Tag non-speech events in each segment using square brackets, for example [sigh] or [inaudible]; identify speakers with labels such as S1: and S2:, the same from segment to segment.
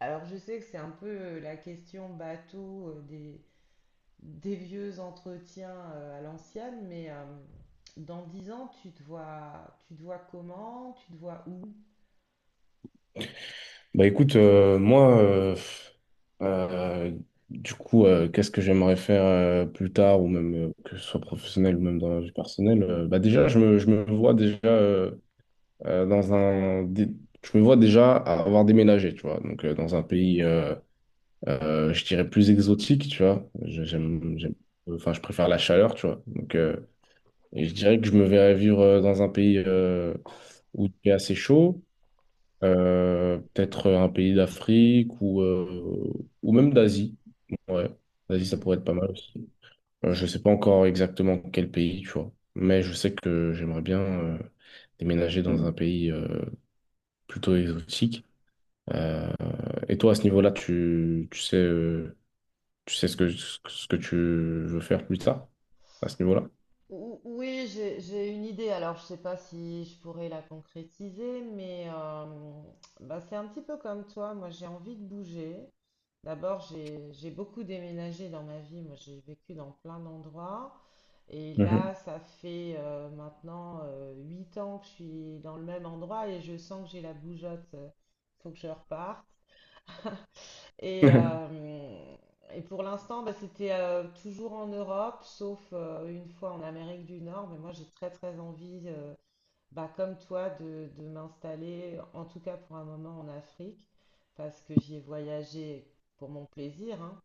S1: Alors je sais que c'est un peu la question bateau des vieux entretiens à l'ancienne, mais dans 10 ans, tu te vois comment, tu te vois où?
S2: Moi, euh, qu'est-ce que j'aimerais faire plus tard, ou même que ce soit professionnel ou même dans la vie personnelle, bah déjà, je me vois déjà euh, dans un, dé- je me vois déjà avoir déménagé, tu vois, donc dans un pays, je dirais plus exotique, tu vois.
S1: Mhm.
S2: J'aime, enfin, je préfère la chaleur, tu vois, et je dirais que je me verrais vivre dans un pays où il fait assez chaud. Peut-être un pays d'Afrique ou même d'Asie. Ouais, l'Asie, ça pourrait
S1: Mhm.
S2: être pas mal aussi. Je sais pas encore exactement quel pays, tu vois. Mais je sais que j'aimerais bien déménager dans un pays plutôt exotique. Euh, et toi, à ce niveau-là, tu sais ce que tu veux faire plus tard, à ce niveau-là?
S1: Ou- Oui, j'ai une idée. Alors, je sais pas si je pourrais la concrétiser, mais bah, c'est un petit peu comme toi. Moi, j'ai envie de bouger. D'abord, j'ai beaucoup déménagé dans ma vie. Moi, j'ai vécu dans plein d'endroits. Et
S2: Mhm.
S1: là, ça fait maintenant 8 ans que je suis dans le même endroit et je sens que j'ai la bougeotte. Il faut que je reparte. Et,
S2: [laughs]
S1: euh, et pour l'instant, bah, c'était toujours en Europe, sauf une fois en Amérique du Nord. Mais moi, j'ai très très envie, bah, comme toi, de m'installer, en tout cas pour un moment, en Afrique, parce que j'y ai voyagé pour mon plaisir, hein,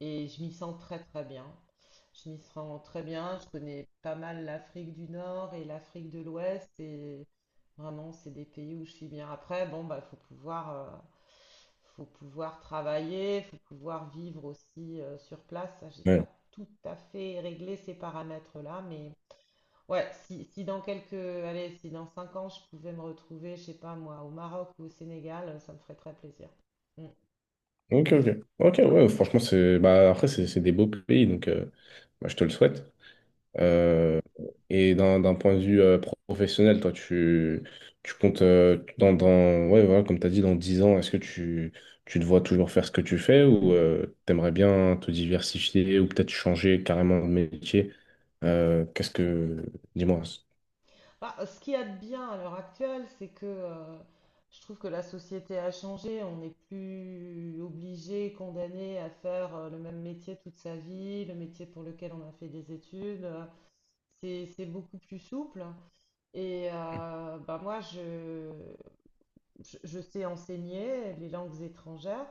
S1: et je m'y sens très très bien. Je m'y sens très bien. Je connais pas mal l'Afrique du Nord et l'Afrique de l'Ouest. Et vraiment, c'est des pays où je suis bien. Après, bon, bah, faut pouvoir travailler, faut pouvoir vivre aussi sur place. Ça, j'ai pas
S2: Ouais.
S1: tout à fait réglé ces paramètres-là, mais ouais, si dans quelques, allez, si dans 5 ans, je pouvais me retrouver, je sais pas moi, au Maroc ou au Sénégal, ça me ferait très plaisir.
S2: Ok, ok. Ok, ouais, franchement, après, c'est des beaux pays, bah, je te le souhaite.
S1: Mm.
S2: Euh, et d'un point de vue professionnel, toi, tu comptes, ouais, voilà, comme tu as dit, dans 10 ans, est-ce que tu te vois toujours faire ce que tu fais ou t'aimerais bien te diversifier ou peut-être changer carrément de métier? Qu'est-ce que... Dis-moi.
S1: Bah, ce qu'il y a de bien à l'heure actuelle, c'est que je trouve que la société a changé. On n'est plus obligé, condamné à faire le même métier toute sa vie, le métier pour lequel on a fait des études. C'est beaucoup plus souple. Et bah, moi, je sais enseigner les langues étrangères.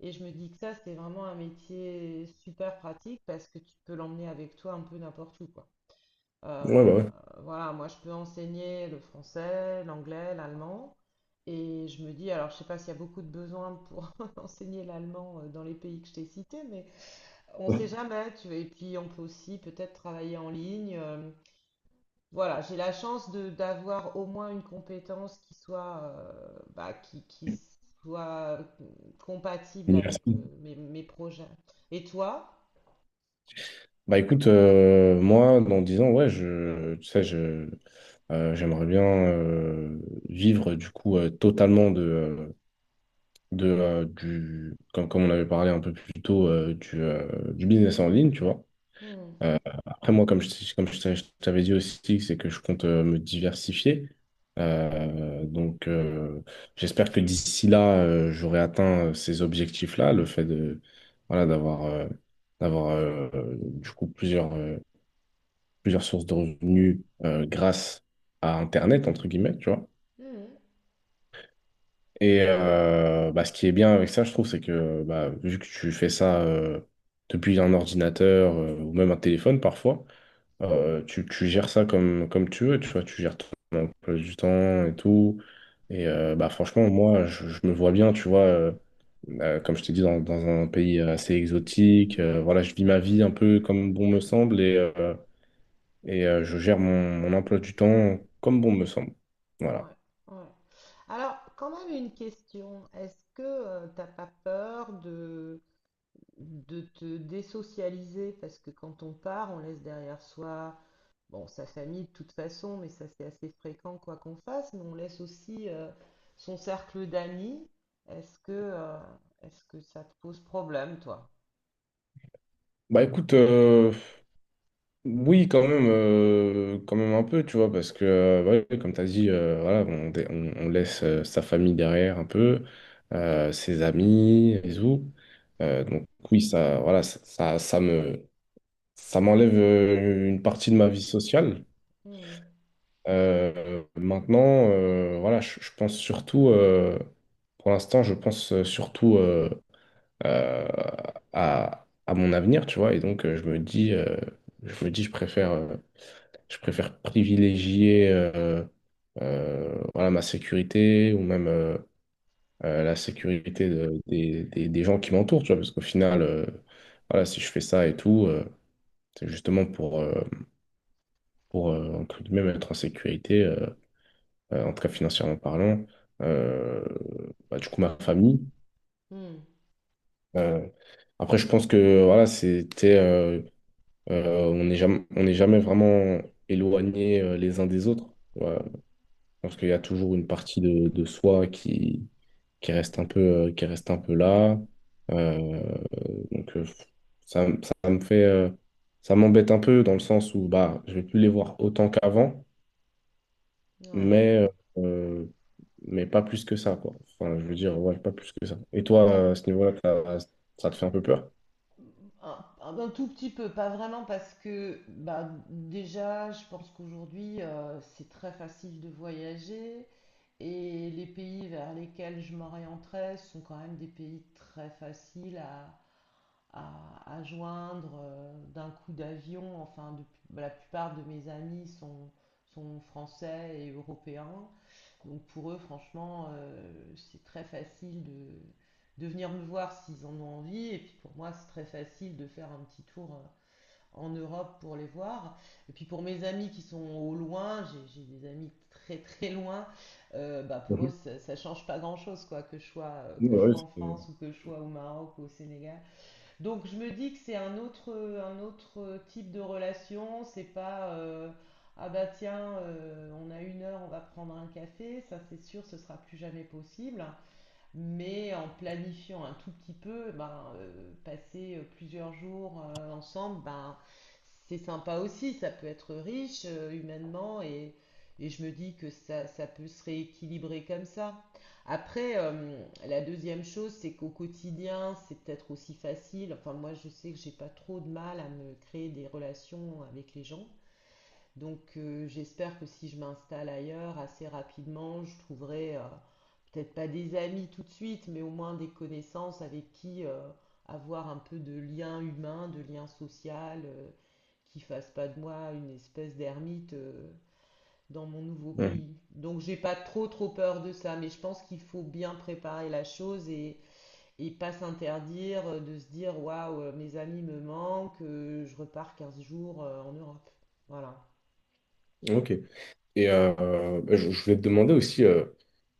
S1: Et je me dis que ça, c'est vraiment un métier super pratique parce que tu peux l'emmener avec toi un peu n'importe où, quoi. Euh,
S2: Ouais, bah ouais.
S1: voilà, moi je peux enseigner le français, l'anglais, l'allemand. Et je me dis, alors je sais pas s'il y a beaucoup de besoins pour [laughs] enseigner l'allemand dans les pays que je t'ai cités, mais on
S2: Ouais.
S1: sait jamais, tu vois. Et puis on peut aussi peut-être travailler en ligne. Voilà, j'ai la chance de d'avoir au moins une compétence qui soit compatible avec
S2: Diversifier.
S1: mes projets. Et toi?
S2: Moi, dans 10 ans, ouais, tu sais, j'aimerais bien vivre du coup totalement comme, comme on avait parlé un peu plus tôt, du business en ligne, tu vois.
S1: Hmm.
S2: Après, comme je t'avais dit aussi, c'est que je compte me diversifier. Euh, donc, euh, j'espère que d'ici là, j'aurai atteint ces objectifs-là, le fait de, voilà, d'avoir du coup, plusieurs sources de revenus grâce à Internet, entre guillemets, tu vois.
S1: Hmm.
S2: Et bah, ce qui est bien avec ça, je trouve, c'est que bah, vu que tu fais ça depuis un ordinateur ou même un téléphone parfois, tu gères ça comme, comme tu veux, tu vois, tu gères ton emploi du temps et tout. Et bah, franchement, je me vois bien, tu vois, comme je t'ai dit, dans un pays assez exotique. Euh, voilà, je vis ma vie un peu comme bon me semble et je gère mon emploi du temps comme bon me semble. Voilà.
S1: Ouais, ouais. Alors, quand même une question. Est-ce que tu t'as pas peur de te désocialiser? Parce que quand on part, on laisse derrière soi, bon, sa famille de toute façon, mais ça c'est assez fréquent quoi qu'on fasse, mais on laisse aussi son cercle d'amis. Est-ce que, euh, est-ce que ça te pose problème, toi?
S2: Bah écoute, euh, oui, quand même un peu, tu vois, parce que, ouais, comme tu as dit, voilà, bon, on laisse sa famille derrière un peu, ses amis et tout. Donc oui, ça me, ça m'enlève une partie de ma vie sociale.
S1: Hmm,
S2: Maintenant, voilà, je pense surtout, pour l'instant, je pense surtout euh, à mon avenir, tu vois, et donc je me dis, je me je préfère. Je préfère privilégier voilà, ma sécurité ou même la sécurité des gens qui m'entourent, tu vois, parce qu'au final, voilà, si je fais ça et tout, c'est justement pour, entre guillemets, être en sécurité, en tout cas financièrement parlant, euh, bah, du coup, ma famille.
S1: hmm,
S2: Euh, après, je pense que voilà, c'était, on n'est jamais vraiment éloignés les uns des autres. Euh, je pense qu'il y a toujours une partie de soi qui reste un peu, qui reste un peu là. Euh, donc, euh, ça, ça me fait, ça m'embête un peu dans le sens où bah, je vais plus les voir autant qu'avant,
S1: ouais.
S2: mais, euh, mais pas plus que ça, quoi. Enfin, je veux dire, ouais, pas plus que ça. Et toi, à ce niveau-là, ça te fait un peu peur?
S1: Un tout petit peu, pas vraiment parce que bah, déjà, je pense qu'aujourd'hui, c'est très facile de voyager et les pays vers lesquels je m'orienterais sont quand même des pays très faciles à, joindre d'un coup d'avion. Enfin, la plupart de mes amis sont français et européens. Donc pour eux, franchement, c'est très facile de venir me voir s'ils en ont envie. Et puis pour moi, c'est très facile de faire un petit tour en Europe pour les voir. Et puis pour mes amis qui sont au loin, j'ai des amis très très loin, bah pour eux,
S2: Mhm.
S1: ça change pas grand-chose, quoi,
S2: Ouais,
S1: que je
S2: ouais,
S1: sois en
S2: c'est-
S1: France ou que je sois au Maroc ou au Sénégal. Donc je me dis que c'est un autre type de relation, c'est pas ah bah tiens, on a une heure, on va prendre un café, ça c'est sûr, ce sera plus jamais possible. Mais en planifiant un tout petit peu, ben, passer plusieurs jours ensemble, ben, c'est sympa aussi, ça peut être riche humainement et je me dis que ça peut se rééquilibrer comme ça. Après, la deuxième chose, c'est qu'au quotidien, c'est peut-être aussi facile. Enfin, moi, je sais que j'ai pas trop de mal à me créer des relations avec les gens. Donc, j'espère que si je m'installe ailleurs, assez rapidement, je trouverai peut-être pas des amis tout de suite, mais au moins des connaissances avec qui avoir un peu de lien humain, de lien social, qui fasse pas de moi une espèce d'ermite dans mon nouveau pays. Donc j'ai pas trop trop peur de ça, mais je pense qu'il faut bien préparer la chose et pas s'interdire de se dire waouh, mes amis me manquent, je repars 15 jours en Europe. Voilà.
S2: Mhm. Ok. Et je voulais te demander aussi,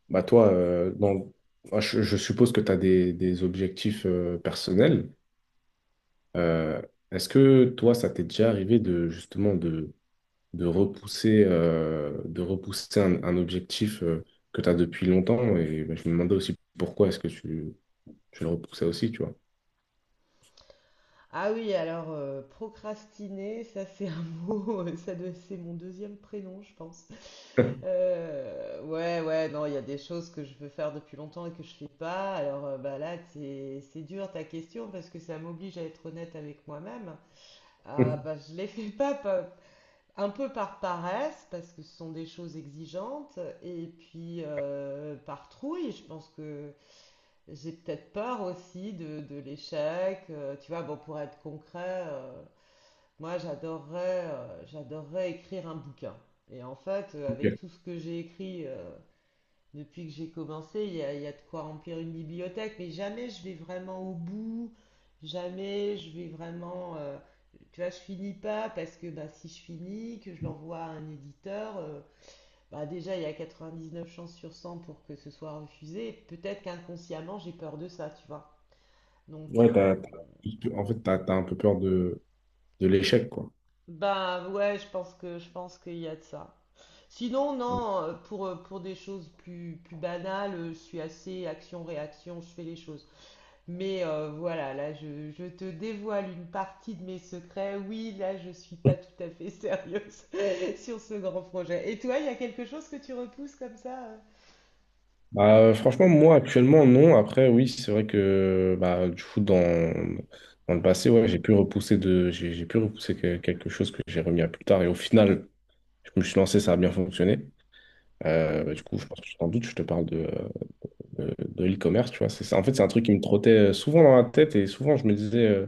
S2: bah toi, je suppose que tu as des objectifs personnels. Euh, est-ce que toi, ça t'est déjà arrivé de justement de repousser un objectif que tu as depuis longtemps? Et bah, je me demandais aussi pourquoi est-ce que tu le repoussais aussi, tu vois?
S1: Ah oui, alors procrastiner, ça c'est un mot, [laughs] c'est mon deuxième prénom, je pense. Ouais, ouais, non, il y a des choses que je veux faire depuis longtemps et que je fais pas. Alors bah là, c'est dur ta question parce que ça m'oblige à être honnête avec moi-même. Ah bah
S2: [laughs]
S1: je les fais pas, un peu par paresse parce que ce sont des choses exigeantes et puis par trouille. Je pense que j'ai peut-être peur aussi de l'échec. Tu vois, bon, pour être concret, moi j'adorerais écrire un bouquin. Et en fait,
S2: Ok.
S1: avec tout ce que j'ai écrit depuis que j'ai commencé, il y a de quoi remplir une bibliothèque, mais jamais je vais vraiment au bout, jamais je vais vraiment... tu vois, je finis pas parce que bah, si je finis, que je l'envoie à un éditeur, bah, déjà il y a 99 chances sur 100 pour que ce soit refusé. Peut-être qu'inconsciemment j'ai peur de ça, tu vois. Donc,
S2: Ouais, en fait, tu as, un peu peur de l'échec, quoi.
S1: ben ouais, je pense qu'il y a de ça. Sinon, non, pour des choses plus banales, je suis assez action-réaction, je fais les choses. Mais voilà, là, je te dévoile une partie de mes secrets. Oui, là, je suis pas tout à fait sérieuse [laughs] sur ce grand projet. Et toi, il y a quelque chose que tu repousses comme ça?
S2: Bah, franchement, moi actuellement, non. Après, oui, c'est vrai que bah, du coup, dans le passé, ouais, j'ai pu repousser quelque chose que j'ai remis à plus tard. Et au final, je me suis lancé, ça a bien fonctionné. Bah, du coup, je pense que tu t'en doutes, je te parle de l'e-commerce, tu vois. C'est ça. En fait, c'est un truc qui me trottait souvent dans la tête et souvent, euh,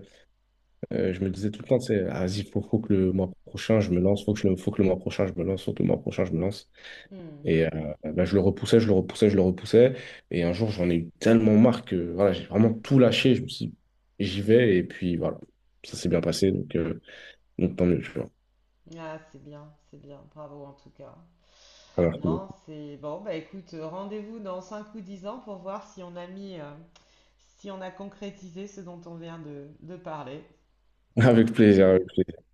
S2: euh, je me disais tout le temps, c'est, vas-y, faut que le mois prochain, je me lance, faut que le mois prochain, je me lance, faut que le mois prochain, je me lance.
S1: Hmm.
S2: Et bah, je le repoussais. Et un jour, j'en ai eu tellement marre que voilà, j'ai vraiment tout lâché. Je me suis dit, j'y vais. Et puis voilà, ça s'est bien passé. Donc tant mieux, tu vois.
S1: Ah, c'est bien, c'est bien. Bravo en tout cas.
S2: Ça marche beaucoup.
S1: Non, c'est bon, bah écoute, rendez-vous dans 5 ou 10 ans pour voir si on a mis, si on a concrétisé ce dont on vient de parler.
S2: [laughs] Avec plaisir, avec plaisir.